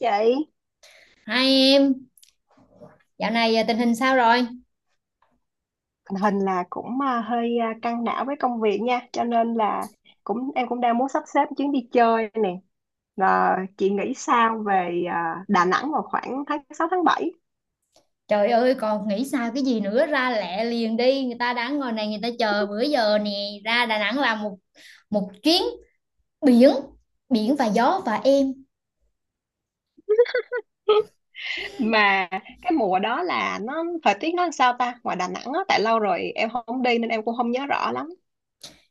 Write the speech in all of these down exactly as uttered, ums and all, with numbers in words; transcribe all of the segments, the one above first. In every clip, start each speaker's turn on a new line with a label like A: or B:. A: Chị,
B: Hai em, dạo này à, tình hình sao rồi?
A: tình hình là cũng à, hơi à, căng não với công việc nha, cho nên là cũng em cũng đang muốn sắp xếp chuyến đi chơi nè. Và chị nghĩ sao về à, Đà Nẵng vào khoảng tháng sáu tháng bảy?
B: Trời ơi, còn nghĩ sao cái gì nữa ra lẹ liền đi, người ta đang ngồi này người ta chờ bữa giờ nè, ra Đà Nẵng làm một một chuyến biển, biển và gió và em.
A: Mà cái mùa đó là nó thời tiết nó làm sao ta, ngoài Đà Nẵng á? Tại lâu rồi em không đi nên em cũng không nhớ rõ lắm.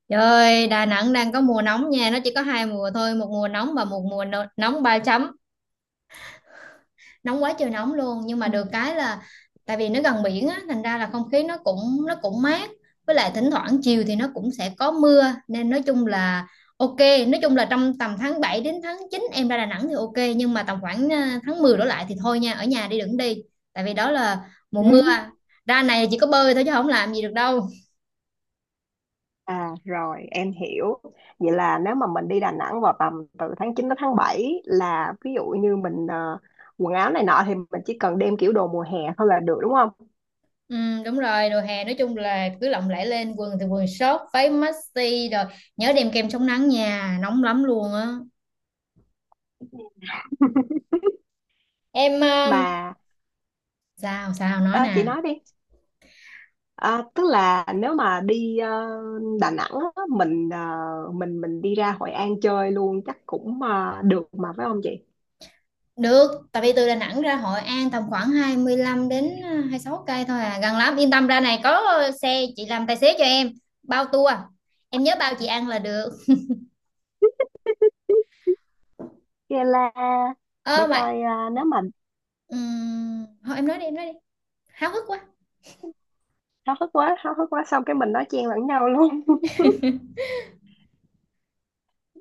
B: Trời ơi, Đà Nẵng đang có mùa nóng nha, nó chỉ có hai mùa thôi, một mùa nóng và một mùa no- nóng ba chấm. Nóng quá trời nóng luôn nhưng mà được cái là tại vì nó gần biển á thành ra là không khí nó cũng nó cũng mát, với lại thỉnh thoảng chiều thì nó cũng sẽ có mưa nên nói chung là ok. Nói chung là trong tầm tháng bảy đến tháng chín em ra Đà Nẵng thì ok, nhưng mà tầm khoảng à, tháng mười đổ lại thì thôi nha, ở nhà đi đừng đi, tại vì đó là mùa mưa.
A: Ừ.
B: Ra này chỉ có bơi thôi chứ không làm gì được đâu.
A: À rồi, em hiểu. Vậy là nếu mà mình đi Đà Nẵng vào tầm từ tháng chín đến tháng bảy, là ví dụ như mình ờ, quần áo này nọ thì mình chỉ cần đem kiểu đồ mùa hè thôi là được, đúng không?
B: Ừ, đúng rồi, đồ hè nói chung là cứ lộng lẫy lên, quần thì quần short, váy maxi rồi. Nhớ đem kem chống nắng nha, nóng lắm luôn á. Em ờ,
A: Mà
B: sao sao nói
A: ờ, chị
B: nè.
A: nói đi. Ờ, tức là nếu mà đi ờ, Đà Nẵng á, mình ờ, mình mình đi ra Hội An chơi luôn chắc cũng ờ, được mà, phải không chị?
B: Được, tại vì từ Đà Nẵng ra Hội An tầm khoảng hai mươi lăm đến ờ, hai mươi sáu cây thôi à, gần lắm, yên tâm, ra này có ờ, xe chị làm tài xế cho em, bao tour, em nhớ bao chị ăn là được.
A: Vậy là để
B: Ơ mà
A: coi ờ, nếu mà
B: ừm, thôi em nói đi em nói đi, háo hức quá.
A: háo hức quá, háo hức quá xong cái mình nói chen lẫn nhau luôn.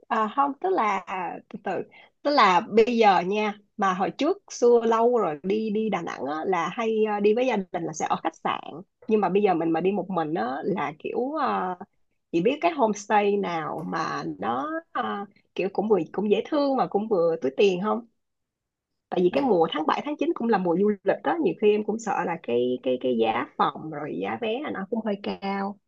A: À, không, tức là từ từ, tức là bây giờ nha, mà hồi trước xưa lâu rồi đi đi Đà Nẵng á, là hay ờ, đi với gia đình là sẽ ở khách sạn, nhưng mà bây giờ mình mà đi một mình á, là kiểu ờ, chỉ biết cái homestay nào mà nó ờ, kiểu cũng vừa cũng dễ thương mà cũng vừa túi tiền không. Tại vì cái
B: Đà,
A: mùa tháng bảy tháng chín cũng là mùa du lịch đó, nhiều khi em cũng sợ là cái cái cái giá phòng rồi giá vé là nó cũng hơi cao.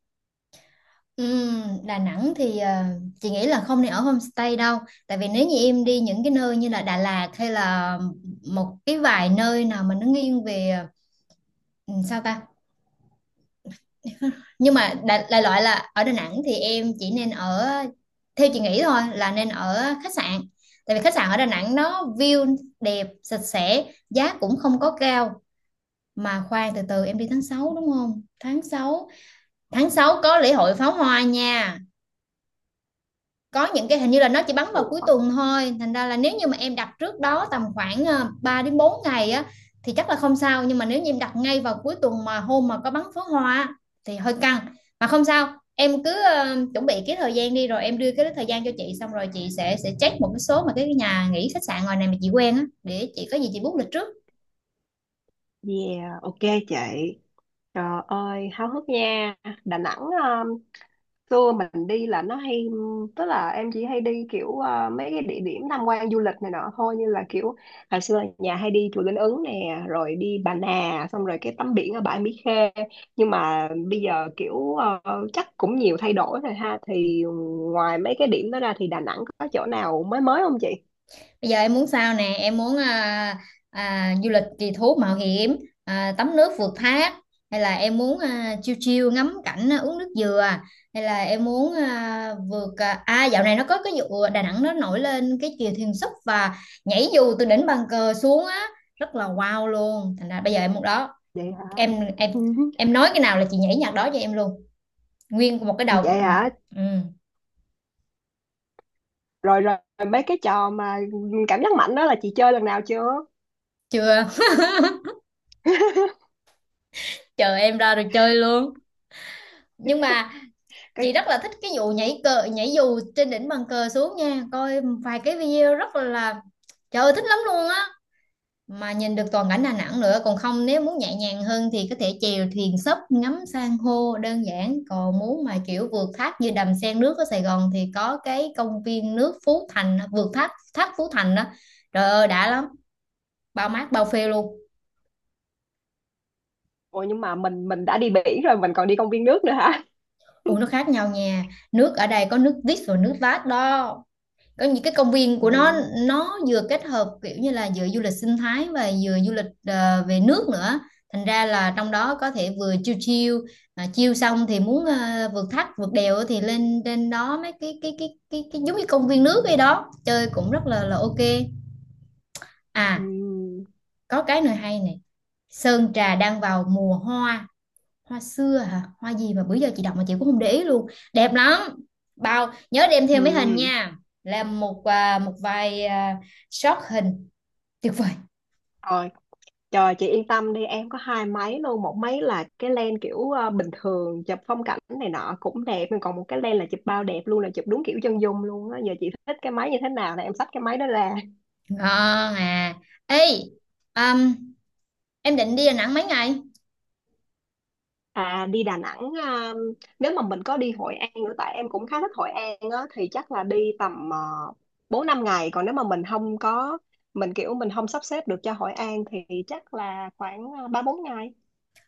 B: ừm, Đà Nẵng thì ờ, chị nghĩ là không nên ở homestay đâu, tại vì nếu như em đi những cái nơi như là Đà Lạt hay là một cái vài nơi nào mà nó nghiêng về ừ, sao ta, nhưng mà đại, đại loại là ở Đà Nẵng thì em chỉ nên ở, theo chị nghĩ thôi, là nên ở khách sạn, tại vì khách sạn ở Đà Nẵng nó view đẹp, sạch sẽ, giá cũng không có cao. Mà khoan, từ từ, em đi tháng sáu đúng không? Tháng sáu, tháng sáu có lễ hội pháo hoa nha. Có những cái hình như là nó chỉ bắn vào
A: Ủa,
B: cuối tuần thôi, thành ra là nếu như mà em đặt trước đó tầm khoảng ờ, ba đến bốn ngày á thì chắc là không sao, nhưng mà nếu như em đặt ngay vào cuối tuần mà hôm mà có bắn pháo hoa thì hơi căng. Mà không sao, em cứ ờ, chuẩn bị cái thời gian đi rồi em đưa cái thời gian cho chị, xong rồi chị sẽ sẽ check một cái số mà cái nhà nghỉ khách sạn ngoài này mà chị quen á, để chị có gì chị book lịch trước.
A: yeah, ok chị. Trời ơi, háo hức nha. Đà Nẵng, um, xưa mình đi là nó hay, tức là em chỉ hay đi kiểu uh, mấy cái địa điểm tham quan du lịch này nọ thôi, như là kiểu hồi xưa là nhà hay đi chùa Linh Ứng nè, rồi đi Bà Nà, xong rồi cái tắm biển ở bãi Mỹ Khê. Nhưng mà bây giờ kiểu uh, chắc cũng nhiều thay đổi rồi ha. Thì ngoài mấy cái điểm đó ra thì Đà Nẵng có chỗ nào mới mới không chị?
B: Bây giờ em muốn sao nè, em muốn à, à, du lịch kỳ thú mạo hiểm, à, tắm nước vượt thác, hay là em muốn à, chiêu chiêu ngắm cảnh, à, uống nước dừa, hay là em muốn à, vượt à, à dạo này nó có cái vụ Đà Nẵng nó nổi lên cái chèo thuyền súp và nhảy dù từ đỉnh bàn cờ xuống á, rất là wow luôn. Thành ra bây giờ em muốn đó,
A: Vậy hả?
B: em em
A: Ừ.
B: em nói cái nào là chị nhảy nhạc đó cho em luôn, nguyên một cái đầu.
A: Vậy
B: Ừ,
A: hả?
B: ừ,
A: Rồi rồi, mấy cái trò mà cảm giác mạnh đó là chị chơi lần nào chưa?
B: chưa, chờ em ra rồi chơi luôn. Nhưng mà
A: Có.
B: chị rất là thích cái vụ nhảy cờ nhảy dù trên đỉnh bàn cờ xuống nha, coi vài cái video rất là, trời ơi thích lắm luôn á, mà nhìn được toàn cảnh Đà Nẵng nữa. Còn không, nếu muốn nhẹ nhàng hơn thì có thể chèo thuyền sấp ngắm san hô đơn giản, còn muốn mà kiểu vượt thác như Đầm Sen nước ở Sài Gòn thì có cái công viên nước Phú Thành, vượt thác thác Phú Thành đó, trời ơi đã lắm, bao mát bao phê luôn.
A: Ủa nhưng mà mình mình đã đi biển rồi mình còn đi công viên nước nữa hả?
B: Ủa, nó khác nhau nha, nước ở đây có nước vít và nước lát đó, có những cái công viên của nó
A: Ừ.
B: nó vừa kết hợp kiểu như là vừa du lịch sinh thái và vừa du lịch ờ, về nước nữa, thành ra là trong đó có thể vừa chiêu chiêu, mà chiêu xong thì muốn ờ, vượt thác vượt đèo thì lên trên đó mấy cái cái cái cái, cái giống như công viên nước vậy đó, chơi cũng rất là là ok. À,
A: Ừ.
B: có cái nữa hay này, Sơn Trà đang vào mùa hoa, hoa xưa hả, hoa gì mà bữa giờ chị đọc mà chị cũng không để ý luôn, đẹp lắm, bao nhớ đem
A: Ừ.
B: theo mấy hình nha, làm một à, một vài à, shot hình tuyệt vời.
A: Rồi, trời, chị yên tâm đi, em có hai máy luôn. Một máy là cái lens kiểu ờ, bình thường chụp phong cảnh này nọ cũng đẹp, nhưng còn một cái lens là chụp bao đẹp luôn, là chụp đúng kiểu chân dung luôn á. Giờ chị thích cái máy như thế nào là em xách cái máy đó ra.
B: Ngon à. Ê, um, em định đi Đà Nẵng mấy ngày?
A: À, đi Đà Nẵng à, nếu mà mình có đi Hội An nữa, tại em cũng khá thích Hội An á, thì chắc là đi tầm uh, bốn năm ngày. Còn nếu mà mình không có, mình kiểu mình không sắp xếp được cho Hội An thì chắc là khoảng à, ba bốn ngày.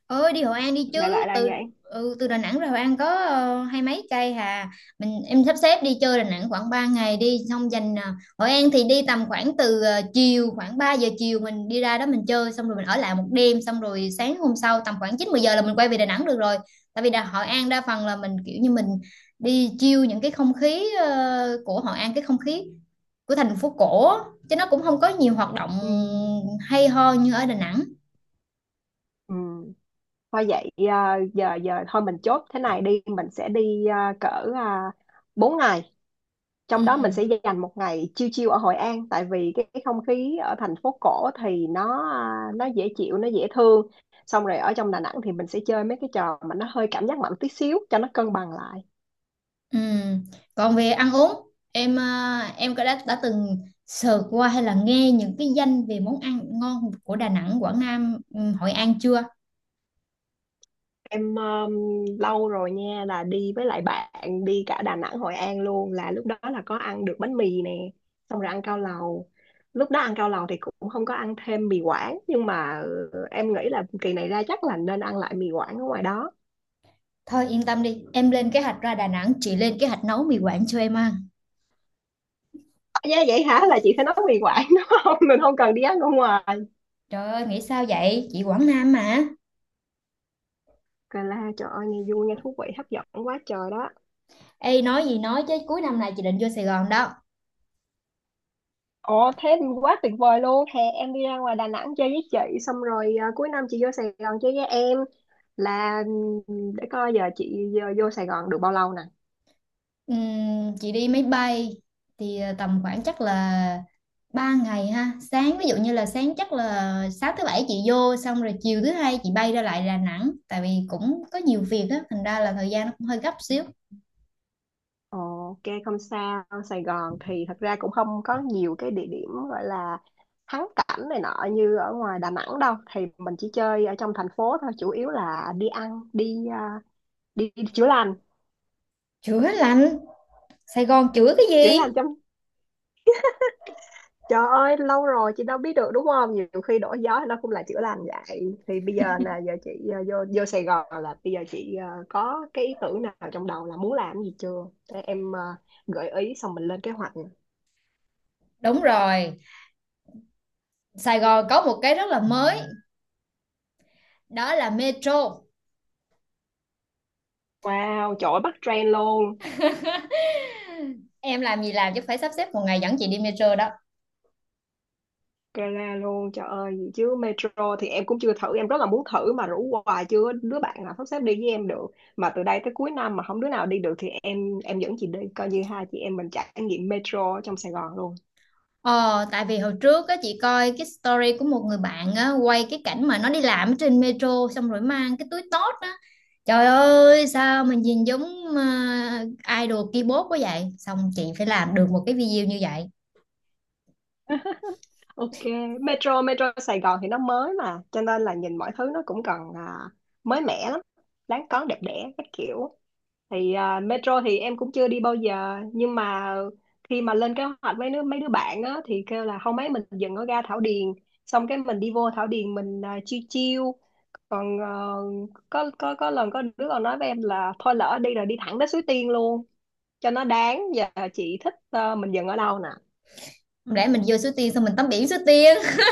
B: Ơi, đi Hội An đi
A: Đại
B: chứ,
A: loại là
B: từ,
A: vậy.
B: ừ, từ Đà Nẵng ra Hội An có ờ, hai mấy cây hà, mình em sắp xếp đi chơi Đà Nẵng khoảng ba ngày đi, xong dành ờ, Hội An thì đi tầm khoảng từ ờ, chiều, khoảng ba giờ chiều mình đi ra đó mình chơi, xong rồi mình ở lại một đêm, xong rồi sáng hôm sau tầm khoảng chín mười giờ là mình quay về Đà Nẵng được rồi, tại vì Đà Hội An đa phần là mình kiểu như mình đi chiêu những cái không khí ờ, của Hội An, cái không khí của thành phố cổ á, chứ nó cũng không có nhiều hoạt động
A: Ừ.
B: hay ho như ở Đà Nẵng.
A: Ừ. Thôi vậy à, giờ giờ thôi mình chốt thế này đi, mình sẽ đi à, cỡ uh, bốn ngày.
B: Ừ.
A: Trong đó mình sẽ dành một ngày chill chill ở Hội An, tại vì cái, cái không khí ở thành phố cổ thì nó à, nó dễ chịu, nó dễ thương. Xong rồi ở trong Đà Nẵng thì mình sẽ chơi mấy cái trò mà nó hơi cảm giác mạnh tí xíu cho nó cân bằng lại.
B: Ừ. Còn về ăn uống, em à, em có đã đã từng sờ qua hay là nghe những cái danh về món ăn ngon của Đà Nẵng, Quảng Nam, ừ, Hội An chưa?
A: Em um, lâu rồi nha, là đi với lại bạn, đi cả Đà Nẵng Hội An luôn, là lúc đó là có ăn được bánh mì nè, xong rồi ăn cao lầu. Lúc đó ăn cao lầu thì cũng không có ăn thêm mì Quảng, nhưng mà ừ, em nghĩ là kỳ này ra chắc là nên ăn lại mì Quảng ở ngoài đó.
B: Thôi yên tâm đi, em lên kế hoạch ra Đà Nẵng, chị lên kế hoạch nấu mì Quảng cho em ăn.
A: Dạ, vậy hả, là chị phải nấu mì Quảng đúng không? Mình không cần đi ăn ở ngoài.
B: Trời ơi, nghĩ sao vậy? Chị Quảng Nam mà.
A: Cà la, trời ơi, nghe vui, nghe thú vị hấp dẫn quá trời đó.
B: Ê, nói gì nói chứ cuối năm này chị định vô Sài Gòn đó.
A: Ồ thế thì quá tuyệt vời luôn. Hè em đi ra ngoài Đà Nẵng chơi với chị, xong rồi à, cuối năm chị vô Sài Gòn chơi với em. Là ừm, để coi giờ chị vô, vô Sài Gòn được bao lâu nè.
B: Ừm, chị đi máy bay thì ờ, tầm khoảng chắc là ba ngày ha, sáng ví dụ như là sáng chắc là sáng thứ bảy chị vô, xong rồi chiều thứ hai chị bay ra lại Đà Nẵng, tại vì cũng có nhiều việc á, thành ra là thời gian nó cũng hơi gấp xíu.
A: Ồ, ok không sao. Sài Gòn thì thật ra cũng không có nhiều cái địa điểm gọi là thắng cảnh này nọ như ở ngoài Đà Nẵng đâu. Thì mình chỉ chơi ở trong thành phố thôi. Chủ yếu là đi ăn, đi à, đi, đi chữa lành.
B: Chữa lành, Sài Gòn chữa cái
A: Chữa
B: gì?
A: lành trong, trời ơi, lâu rồi chị đâu biết được đúng không, nhiều khi đổi gió nó cũng là chữa lành. Vậy thì bây giờ là giờ chị ờ, vô vô Sài Gòn là bây giờ chị ờ, có cái ý tưởng nào trong đầu là muốn làm cái gì chưa, để em ờ, gợi ý xong mình lên kế hoạch nha.
B: Đúng rồi, Sài Gòn có một cái rất là mới, đó là metro.
A: Wow, trời ơi, bắt trend luôn.
B: Em làm gì làm chứ phải sắp xếp một ngày dẫn chị đi metro đó.
A: Gala luôn, trời ơi, gì chứ metro thì em cũng chưa thử, em rất là muốn thử mà rủ hoài chưa có đứa bạn nào sắp xếp đi với em được. Mà từ đây tới cuối năm mà không đứa nào đi được thì em em dẫn chị đi, coi như hai chị em mình trải nghiệm metro ở trong Sài Gòn luôn.
B: Ờ, tại vì hồi trước á, chị coi cái story của một người bạn á, quay cái cảnh mà nó đi làm ở trên metro, xong rồi mang cái túi tót á. Trời ơi, sao mình nhìn giống uh, idol keyboard quá vậy? Xong chị phải làm được một cái video như vậy.
A: Ok, Metro Metro Sài Gòn thì nó mới mà, cho nên là nhìn mọi thứ nó cũng còn à, mới mẻ lắm, đáng có đẹp đẽ các kiểu. Thì à, Metro thì em cũng chưa đi bao giờ, nhưng mà khi mà lên kế hoạch với đứa, mấy đứa bạn á thì kêu là không, mấy mình dừng ở ga Thảo Điền, xong cái mình đi vô Thảo Điền mình à, chiêu chill. Còn ờ, có có có lần có đứa còn nói với em là thôi lỡ đi rồi đi thẳng tới Suối Tiên luôn, cho nó đáng. Giờ chị thích ờ, mình dừng ở đâu
B: Không lẽ mình vô Suối Tiên xong mình tắm biển Suối Tiên?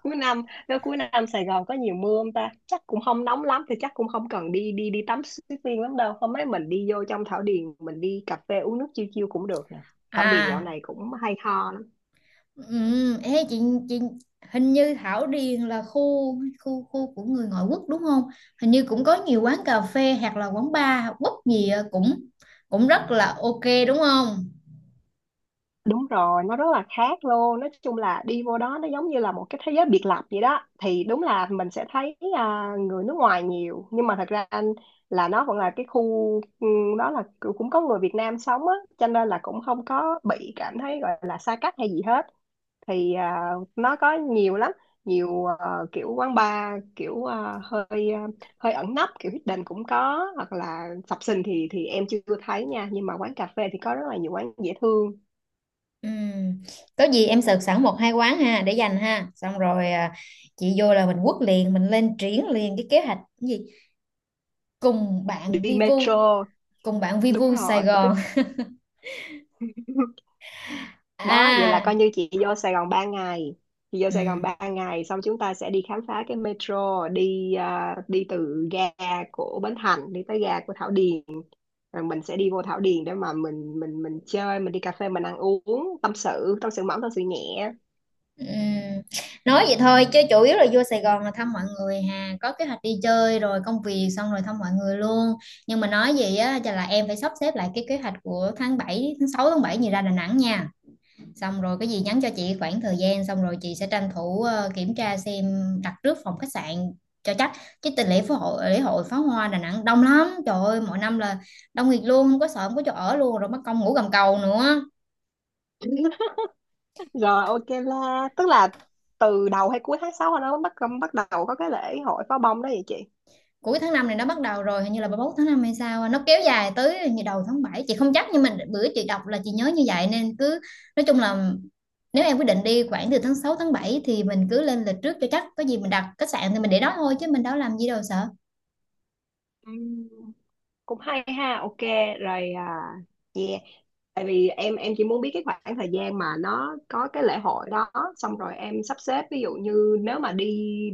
A: cuối năm? Nếu cuối năm Sài Gòn có nhiều mưa không ta, chắc cũng không nóng lắm thì chắc cũng không cần đi đi đi tắm suối tiên lắm đâu. Hôm ấy mình đi vô trong Thảo Điền mình đi cà phê uống nước chiêu chiêu cũng được nè. Thảo Điền dạo
B: À,
A: này cũng hay ho lắm.
B: ừ, ê, chị, chị hình như Thảo Điền là khu khu khu của người ngoại quốc đúng không? Hình như cũng có nhiều quán cà phê hoặc là quán bar, quất gì á, cũng cũng rất là ok đúng không?
A: Đúng rồi, nó rất là khác luôn, nói chung là đi vô đó nó giống như là một cái thế giới biệt lập vậy đó. Thì đúng là mình sẽ thấy à, người nước ngoài nhiều, nhưng mà thật ra anh là nó vẫn là cái khu, ừ, đó là cũng có người Việt Nam sống á cho nên là cũng không có bị cảm thấy gọi là xa cách hay gì hết. Thì à, nó có nhiều lắm, nhiều ờ, kiểu quán bar kiểu ờ, hơi ờ, hơi ẩn nấp kiểu hidden cũng có, hoặc là sập sình thì thì em chưa thấy nha, nhưng mà quán cà phê thì có rất là nhiều quán dễ thương.
B: Ừ. Có gì em search sẵn một hai quán ha, để dành ha, xong rồi à, chị vô là mình quất liền, mình lên triển liền cái kế hoạch, cái gì cùng bạn
A: Đi
B: vi vu,
A: metro,
B: cùng bạn vi
A: đúng
B: vu Sài
A: rồi tức
B: Gòn.
A: đó. Vậy là
B: À,
A: coi như chị vô Sài Gòn ba ngày, chị vô
B: ừ.
A: Sài Gòn ba ngày xong chúng ta sẽ đi khám phá cái metro, đi à, đi từ ga của Bến Thành đi tới ga của Thảo Điền, rồi mình sẽ đi vô Thảo Điền để mà mình mình mình chơi, mình đi cà phê, mình ăn uống, tâm sự, tâm sự mỏng, tâm sự nhẹ.
B: Ừ. Nói vậy thôi chứ chủ yếu là vô Sài Gòn là thăm mọi người hà, có kế hoạch đi chơi rồi công việc xong rồi thăm mọi người luôn. Nhưng mà nói gì á, chắc là em phải sắp xếp lại cái kế hoạch của tháng bảy, tháng sáu tháng bảy gì ra Đà Nẵng nha, xong rồi cái gì nhắn cho chị khoảng thời gian, xong rồi chị sẽ tranh thủ ờ, kiểm tra xem, đặt trước phòng khách sạn cho chắc, chứ tình lễ phó hội lễ hội pháo hoa Đà Nẵng đông lắm, trời ơi mỗi năm là đông nghịt luôn, không có sợ không có chỗ ở luôn, rồi mất công ngủ gầm cầu nữa.
A: Rồi ok, là tức là từ đầu hay cuối tháng sáu nó bắt bắt đầu có cái lễ hội pháo bông đó vậy chị?
B: Cuối tháng năm này nó bắt đầu rồi, hình như là ba mươi mốt tháng năm hay sao á, nó kéo dài tới hình như đầu tháng bảy, chị không chắc, nhưng mà bữa chị đọc là chị nhớ như vậy. Nên cứ nói chung là nếu em quyết định đi khoảng từ tháng sáu tháng bảy thì mình cứ lên lịch trước cho chắc, có gì mình đặt khách sạn thì mình để đó thôi chứ mình đâu làm gì đâu, sợ.
A: Ừm, cũng hay ha, ok rồi à, yeah. Tại vì em em chỉ muốn biết cái khoảng thời gian mà nó có cái lễ hội đó, xong rồi em sắp xếp, ví dụ như nếu mà đi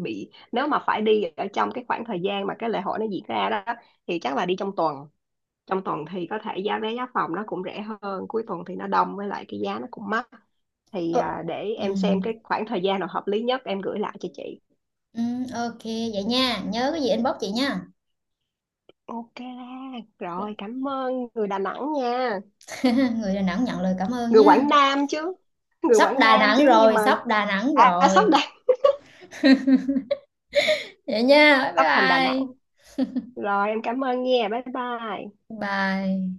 A: bị nếu mà phải đi ở trong cái khoảng thời gian mà cái lễ hội nó diễn ra đó, thì chắc là đi trong tuần. Trong tuần thì có thể giá vé giá phòng nó cũng rẻ hơn, cuối tuần thì nó đông với lại cái giá nó cũng mắc. Thì
B: Ờ,
A: à, để
B: ừ.
A: em xem cái khoảng thời gian nào hợp lý nhất em gửi lại cho chị.
B: Ừ, ok vậy nha, nhớ cái gì inbox chị nha.
A: Ok rồi, cảm ơn người Đà Nẵng nha.
B: Người Đà Nẵng nhận lời cảm ơn
A: Người
B: nha.
A: Quảng Nam chứ, người
B: Sắp
A: Quảng
B: Đà
A: Nam
B: Nẵng
A: chứ, nhưng
B: rồi,
A: mà
B: sắp Đà Nẵng
A: à, à, sắp
B: rồi.
A: đây,
B: Vậy nha, bye
A: sắp thành Đà
B: bye.
A: Nẵng rồi. Em cảm ơn nha, bye bye.
B: Bye.